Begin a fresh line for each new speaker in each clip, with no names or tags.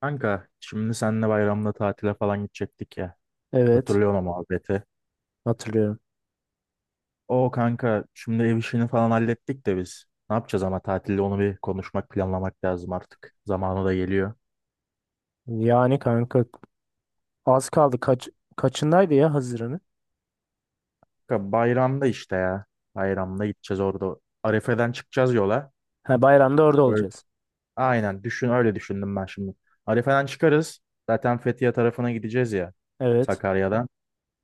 Kanka şimdi seninle bayramda tatile falan gidecektik ya.
Evet,
Hatırlıyorum o muhabbeti.
hatırlıyorum.
O kanka şimdi ev işini falan hallettik de biz. Ne yapacağız ama tatilde onu bir konuşmak planlamak lazım artık. Zamanı da geliyor.
Yani kanka az kaldı. Kaçındaydı ya Haziran'ı?
Kanka bayramda işte ya. Bayramda gideceğiz orada. Arefe'den çıkacağız yola.
Ha, bayramda orada
Böyle,
olacağız.
aynen düşün öyle düşündüm ben şimdi. Arefe'den çıkarız. Zaten Fethiye tarafına gideceğiz ya.
Evet.
Sakarya'dan.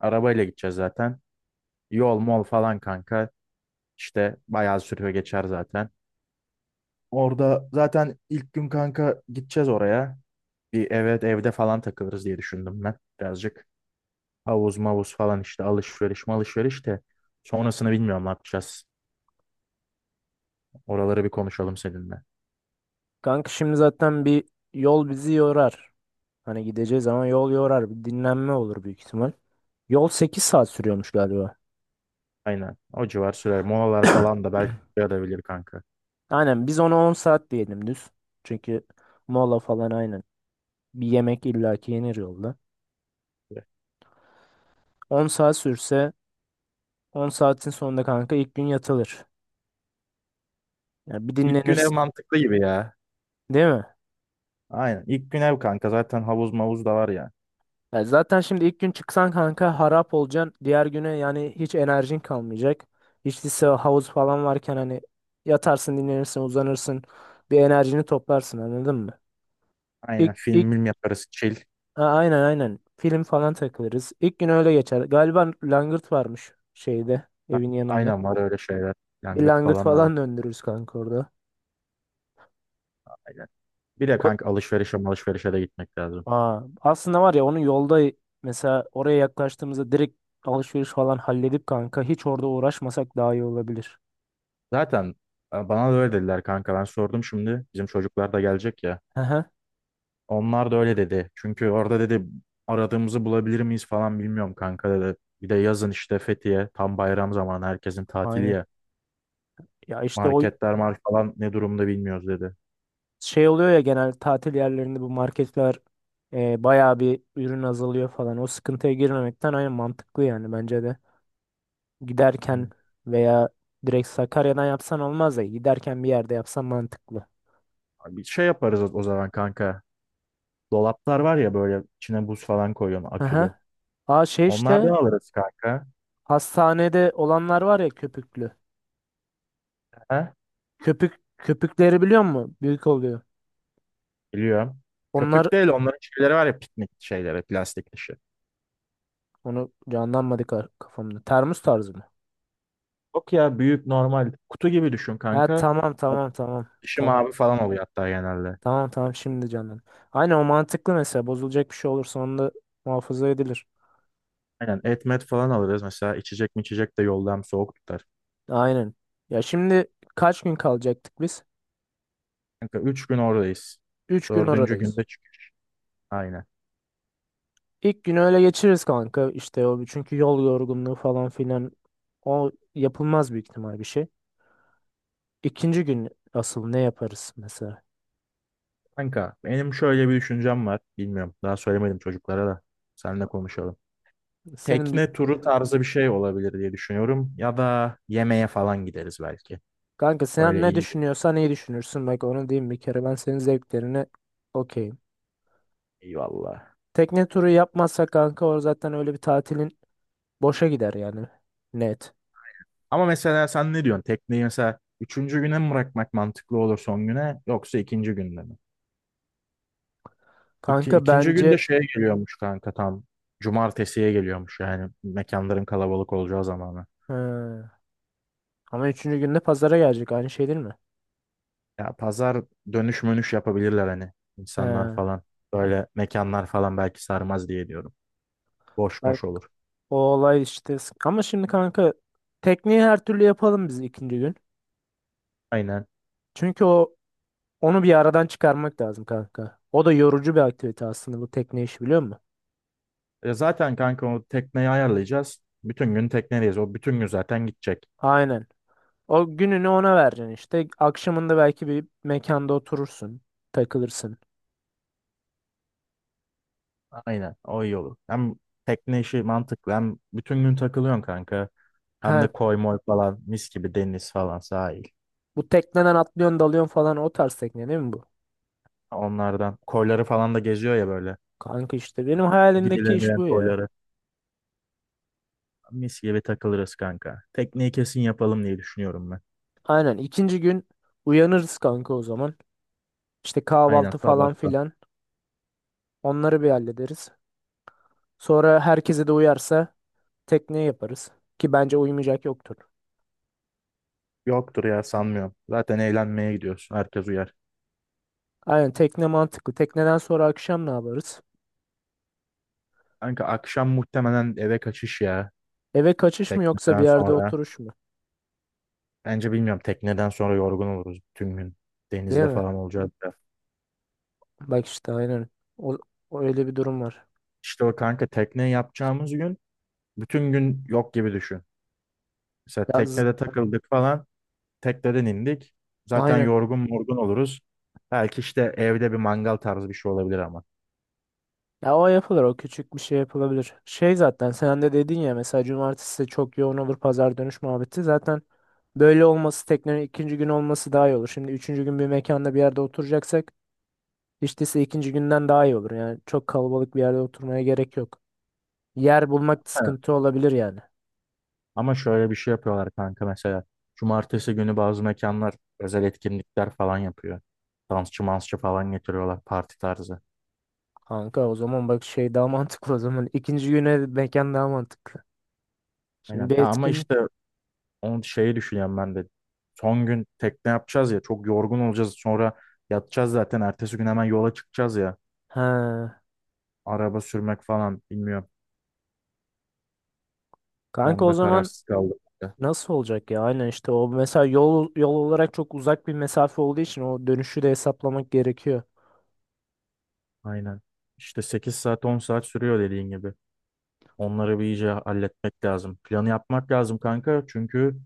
Arabayla gideceğiz zaten. Yol mol falan kanka. İşte bayağı sürüyor geçer zaten. Orada zaten ilk gün kanka gideceğiz oraya. Bir, evet, evde falan takılırız diye düşündüm ben birazcık. Havuz mavuz falan işte alışveriş malışveriş de. Sonrasını bilmiyorum ne yapacağız. Oraları bir konuşalım seninle.
Kanka şimdi zaten bir yol bizi yorar. Hani gideceğiz ama yol yorar. Bir dinlenme olur büyük ihtimal. Yol 8 saat sürüyormuş galiba.
Aynen o civar sürer. Molalar falan da belki yarayabilir kanka.
Aynen biz ona 10 saat diyelim düz. Çünkü mola falan aynen. Bir yemek illaki yenir yolda. 10 saat sürse 10 saatin sonunda kanka ilk gün yatılır. Yani bir
İlk gün ev
dinlenirsin.
mantıklı gibi ya.
Değil mi?
Aynen İlk gün ev kanka zaten havuz mavuz da var ya.
Ya zaten şimdi ilk gün çıksan kanka harap olacaksın. Diğer güne yani hiç enerjin kalmayacak. Hiç lise havuz falan varken hani yatarsın, dinlenirsin, uzanırsın. Bir enerjini toplarsın, anladın mı? İlk,
Aynen
ilk
film film yaparız chill.
ha, aynen, aynen. Film falan takılırız. İlk gün öyle geçer. Galiba langırt varmış şeyde, evin yanında.
Aynen var öyle şeyler.
Bir
Yangıt
langırt
falan da var.
falan döndürürüz kanka orada.
Aynen. Bir de
O-
kanka alışverişe malışverişe de gitmek lazım.
Aa, aslında var ya, onun yolda mesela oraya yaklaştığımızda direkt alışveriş falan halledip kanka hiç orada uğraşmasak daha iyi olabilir.
Zaten bana da öyle dediler kanka. Ben sordum şimdi. Bizim çocuklar da gelecek ya. Onlar da öyle dedi. Çünkü orada dedi aradığımızı bulabilir miyiz falan bilmiyorum kanka dedi. Bir de yazın işte Fethiye tam bayram zamanı herkesin tatili
Aynen.
ya.
Ya işte o
Marketler mark falan ne durumda bilmiyoruz dedi.
şey oluyor ya, genel tatil yerlerinde bu marketler bayağı bir ürün azalıyor falan. O sıkıntıya girmemekten aynen mantıklı yani, bence de. Giderken
Aynen.
veya direkt Sakarya'dan yapsan olmaz da giderken bir yerde yapsan mantıklı.
Abi, bir şey yaparız o zaman kanka. Dolaplar var ya böyle içine buz falan koyuyorsun akülü.
Aha. Aa şey
Onlardan
işte,
alırız kanka.
hastanede olanlar var ya köpüklü.
He?
Köpük köpükleri biliyor musun? Büyük oluyor.
Biliyorum.
Onlar,
Köpük değil onların şeyleri var ya piknik şeyleri plastik dışı.
onu canlanmadı kafamda. Termos tarzı mı?
Yok ya büyük normal kutu gibi düşün
Ha,
kanka.
tamam,
Bak,
tamam, tamam.
dışı
Tamam.
mavi falan oluyor hatta genelde.
Tamam, tamam, şimdi canım. Aynen o mantıklı mesela. Bozulacak bir şey olursa onda muhafaza edilir.
Aynen et met falan alırız. Mesela içecek mi içecek de yolda hem soğuk tutar.
Aynen. Ya şimdi kaç gün kalacaktık biz?
Kanka 3 gün oradayız.
3 gün
Dördüncü
oradayız.
günde çık. Aynen.
İlk günü öyle geçiririz kanka. İşte o çünkü yol yorgunluğu falan filan, o yapılmaz büyük ihtimal bir şey. İkinci gün asıl ne yaparız mesela?
Kanka benim şöyle bir düşüncem var. Bilmiyorum daha söylemedim çocuklara da. Seninle konuşalım.
Senin dü-
Tekne turu tarzı bir şey olabilir diye düşünüyorum. Ya da yemeğe falan gideriz belki.
Kanka sen
Böyle
ne
iyi bir.
düşünüyorsan iyi düşünürsün. Bak onu diyeyim bir kere, ben senin zevklerine okeyim.
Eyvallah.
Tekne turu yapmazsak kanka, o zaten öyle bir tatilin boşa gider yani. Net.
Ama mesela sen ne diyorsun? Tekneyi mesela üçüncü güne mi bırakmak mantıklı olur, son güne, yoksa ikinci günde mi? İki,
Kanka
ikinci
bence.
günde şeye geliyormuş kanka, tam cumartesiye geliyormuş, yani mekanların kalabalık olacağı zamanı.
He. Ama üçüncü günde pazara gelecek, aynı şey değil mi?
Ya pazar dönüş mönüş yapabilirler hani, insanlar
He.
falan, böyle mekanlar falan belki sarmaz diye diyorum. Boş
Ben-
boş olur.
O olay işte ama şimdi kanka, tekniği her türlü yapalım biz ikinci gün.
Aynen.
Çünkü o, onu bir aradan çıkarmak lazım kanka. O da yorucu bir aktivite aslında, bu tekne işi, biliyor musun?
E zaten kanka o tekneyi ayarlayacağız. Bütün gün teknedeyiz. O bütün gün zaten gidecek.
Aynen. O gününü ona vereceksin işte. Akşamında belki bir mekanda oturursun, takılırsın.
Aynen. O iyi olur. Hem tekne işi mantıklı hem bütün gün takılıyorsun kanka. Hem
Ha,
de koy moy falan mis gibi deniz falan sahil.
bu tekneden atlıyorsun, dalıyorsun falan, o tarz tekne değil mi bu?
Onlardan koyları falan da geziyor ya böyle.
Kanka işte benim hayalimdeki iş
Gidilemeyen
bu ya.
koyları. Mis gibi takılırız kanka. Tekneyi kesin yapalım diye düşünüyorum ben.
Aynen ikinci gün uyanırız kanka o zaman. İşte
Aynen
kahvaltı falan
sabahta.
filan, onları bir hallederiz. Sonra herkese de uyarsa tekne yaparız. Ki bence uymayacak yoktur.
Yoktur ya, sanmıyorum. Zaten eğlenmeye gidiyoruz. Herkes uyar.
Aynen, tekne mantıklı. Tekneden sonra akşam ne yaparız?
Kanka akşam muhtemelen eve kaçış ya.
Eve kaçış mı, yoksa bir
Tekneden
yerde
sonra.
oturuş mu?
Bence bilmiyorum, tekneden sonra yorgun oluruz bütün gün.
Değil
Denizde
mi?
falan olacağız da.
Bak işte aynen. O, o öyle bir durum var.
İşte o kanka tekne yapacağımız gün bütün gün yok gibi düşün. Mesela
Ya, z-
teknede takıldık falan. Tekneden indik. Zaten
aynen.
yorgun morgun oluruz. Belki işte evde bir mangal tarzı bir şey olabilir ama.
Ya o yapılır, o küçük bir şey yapılabilir. Şey, zaten sen de dedin ya mesela, cumartesi de çok yoğun olur, pazar dönüş muhabbeti. Zaten böyle olması, teknenin ikinci gün olması daha iyi olur. Şimdi üçüncü gün bir mekanda bir yerde oturacaksak hiç değilse ikinci günden daha iyi olur. Yani çok kalabalık bir yerde oturmaya gerek yok. Yer bulmak
He.
sıkıntı olabilir yani.
Ama şöyle bir şey yapıyorlar kanka mesela. Cumartesi günü bazı mekanlar özel etkinlikler falan yapıyor. Dansçı mansçı falan getiriyorlar, parti tarzı.
Kanka o zaman bak şey daha mantıklı o zaman. İkinci güne mekan daha mantıklı. Şimdi
Aynen.
bir
Ya ama
etkinlik.
işte onu şeyi düşünüyorum ben de. Son gün tekne yapacağız ya, çok yorgun olacağız. Sonra yatacağız zaten. Ertesi gün hemen yola çıkacağız ya.
Ha.
Araba sürmek falan bilmiyorum.
Kanka o
Onda
zaman
kararsız kaldım.
nasıl olacak ya? Aynen işte o mesela, yol, yol olarak çok uzak bir mesafe olduğu için o dönüşü de hesaplamak gerekiyor.
Aynen. İşte 8 saat 10 saat sürüyor dediğin gibi. Onları bir iyice halletmek lazım. Planı yapmak lazım kanka, çünkü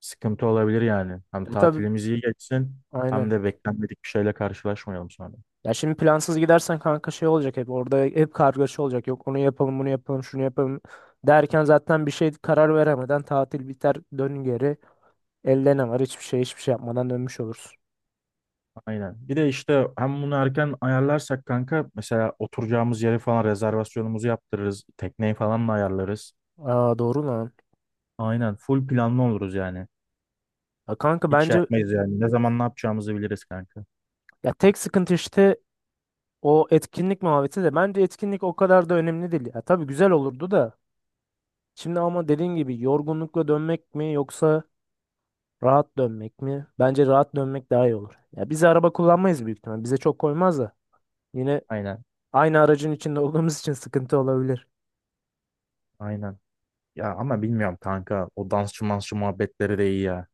sıkıntı olabilir yani. Hem
E tabii,
tatilimiz iyi geçsin hem
aynen.
de beklenmedik bir şeyle karşılaşmayalım sonra.
Ya şimdi plansız gidersen kanka, şey olacak, hep orada hep kargaşa olacak. Yok onu yapalım, bunu yapalım, şunu yapalım derken zaten bir şey karar veremeden tatil biter, dön geri. Elde ne var? Hiçbir şey, hiçbir şey yapmadan dönmüş olursun.
Aynen. Bir de işte hem bunu erken ayarlarsak kanka, mesela oturacağımız yeri falan, rezervasyonumuzu yaptırırız. Tekneyi falan da ayarlarız.
Aa, doğru lan.
Aynen. Full planlı oluruz yani.
Ya kanka
Hiç şey
bence,
yapmayız yani. Ne zaman ne yapacağımızı biliriz kanka.
ya tek sıkıntı işte o etkinlik muhabbeti, de bence etkinlik o kadar da önemli değil. Ya tabii güzel olurdu da, şimdi ama dediğin gibi yorgunlukla dönmek mi, yoksa rahat dönmek mi? Bence rahat dönmek daha iyi olur. Ya biz araba kullanmayız büyük ihtimal. Bize çok koymaz da. Yine
Aynen.
aynı aracın içinde olduğumuz için sıkıntı olabilir.
Aynen. Ya ama bilmiyorum kanka. O dansçı mansçı muhabbetleri de iyi ya.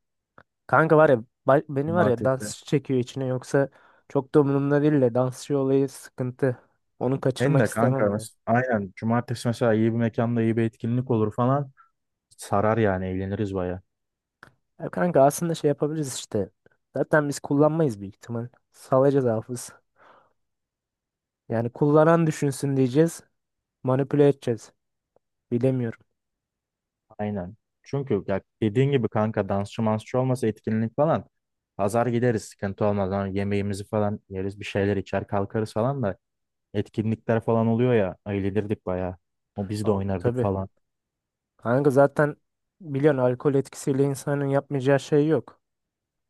Kanka var ya, beni var ya,
Cumartesi.
dans çekiyor içine, yoksa çok da umurumda değil de dansçı olayı sıkıntı. Onu
Ben
kaçırmak
de kanka
istemem ya.
aynen. Cumartesi mesela iyi bir mekanda iyi bir etkinlik olur falan. Sarar yani, eğleniriz baya.
Ya kanka aslında şey yapabiliriz işte. Zaten biz kullanmayız büyük ihtimal. Salacağız hafız. Yani kullanan düşünsün diyeceğiz. Manipüle edeceğiz. Bilemiyorum.
Aynen. Çünkü ya dediğin gibi kanka dansçı mansçı olmasa etkinlik falan. Pazar gideriz, sıkıntı olmaz. Hani yemeğimizi falan yeriz, bir şeyler içer kalkarız falan da. Etkinlikler falan oluyor ya, eğlenirdik baya. O biz de
Al,
oynardık
tabii.
falan.
Kanka zaten biliyorsun, alkol etkisiyle insanın yapmayacağı şey yok.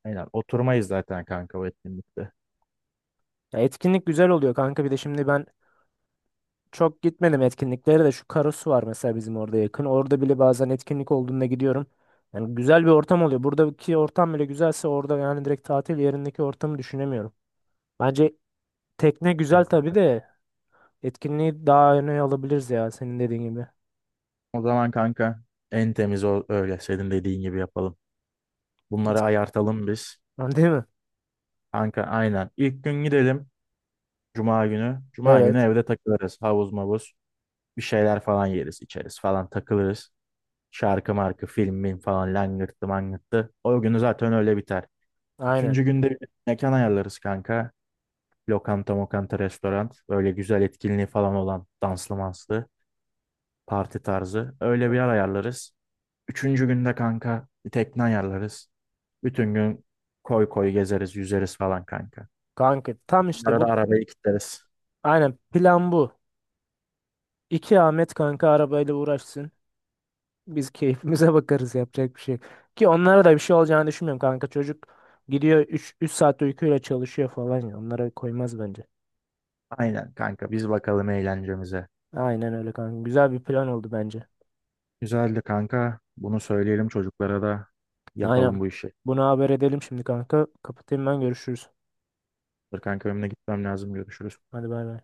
Aynen oturmayız zaten kanka o etkinlikte.
Ya etkinlik güzel oluyor kanka, bir de şimdi ben çok gitmedim etkinliklere de, şu Karasu var mesela bizim orada yakın. Orada bile bazen etkinlik olduğunda gidiyorum. Yani güzel bir ortam oluyor. Buradaki ortam bile güzelse orada, yani direkt tatil yerindeki ortamı düşünemiyorum. Bence tekne güzel
Hani.
tabii de, etkinliği daha öne alabiliriz ya, senin dediğin gibi.
O zaman kanka en temiz o, öyle senin dediğin gibi yapalım.
Et-
Bunları ayartalım biz.
Değil mi?
Kanka aynen. İlk gün gidelim. Cuma günü. Cuma günü
Evet.
evde takılırız. Havuz mavuz. Bir şeyler falan yeriz içeriz falan takılırız. Şarkı markı film mim falan langırttı mangırttı. O günü zaten öyle biter.
Aynen.
Üçüncü günde bir mekan ayarlarız kanka. Lokanta mokanta restoran. Böyle güzel etkinliği falan olan, danslı manslı, parti tarzı. Öyle bir
Of.
yer ayarlarız. Üçüncü günde kanka bir tekne ayarlarız. Bütün gün koy koy gezeriz, yüzeriz falan kanka.
Kanka tam işte
Arada
bu.
arabayı kilitleriz.
Aynen plan bu. İki Ahmet kanka arabayla uğraşsın. Biz keyfimize bakarız, yapacak bir şey yok. Ki onlara da bir şey olacağını düşünmüyorum kanka. Çocuk gidiyor üç saat uykuyla çalışıyor falan ya. Onlara koymaz bence.
Aynen kanka, biz bakalım eğlencemize.
Aynen öyle kanka. Güzel bir plan oldu bence.
Güzeldi kanka. Bunu söyleyelim çocuklara da,
Aynen.
yapalım bu işi.
Bunu haber edelim şimdi kanka. Kapatayım ben, görüşürüz.
Dur kanka, önüne gitmem lazım. Görüşürüz.
Hadi, bay bay.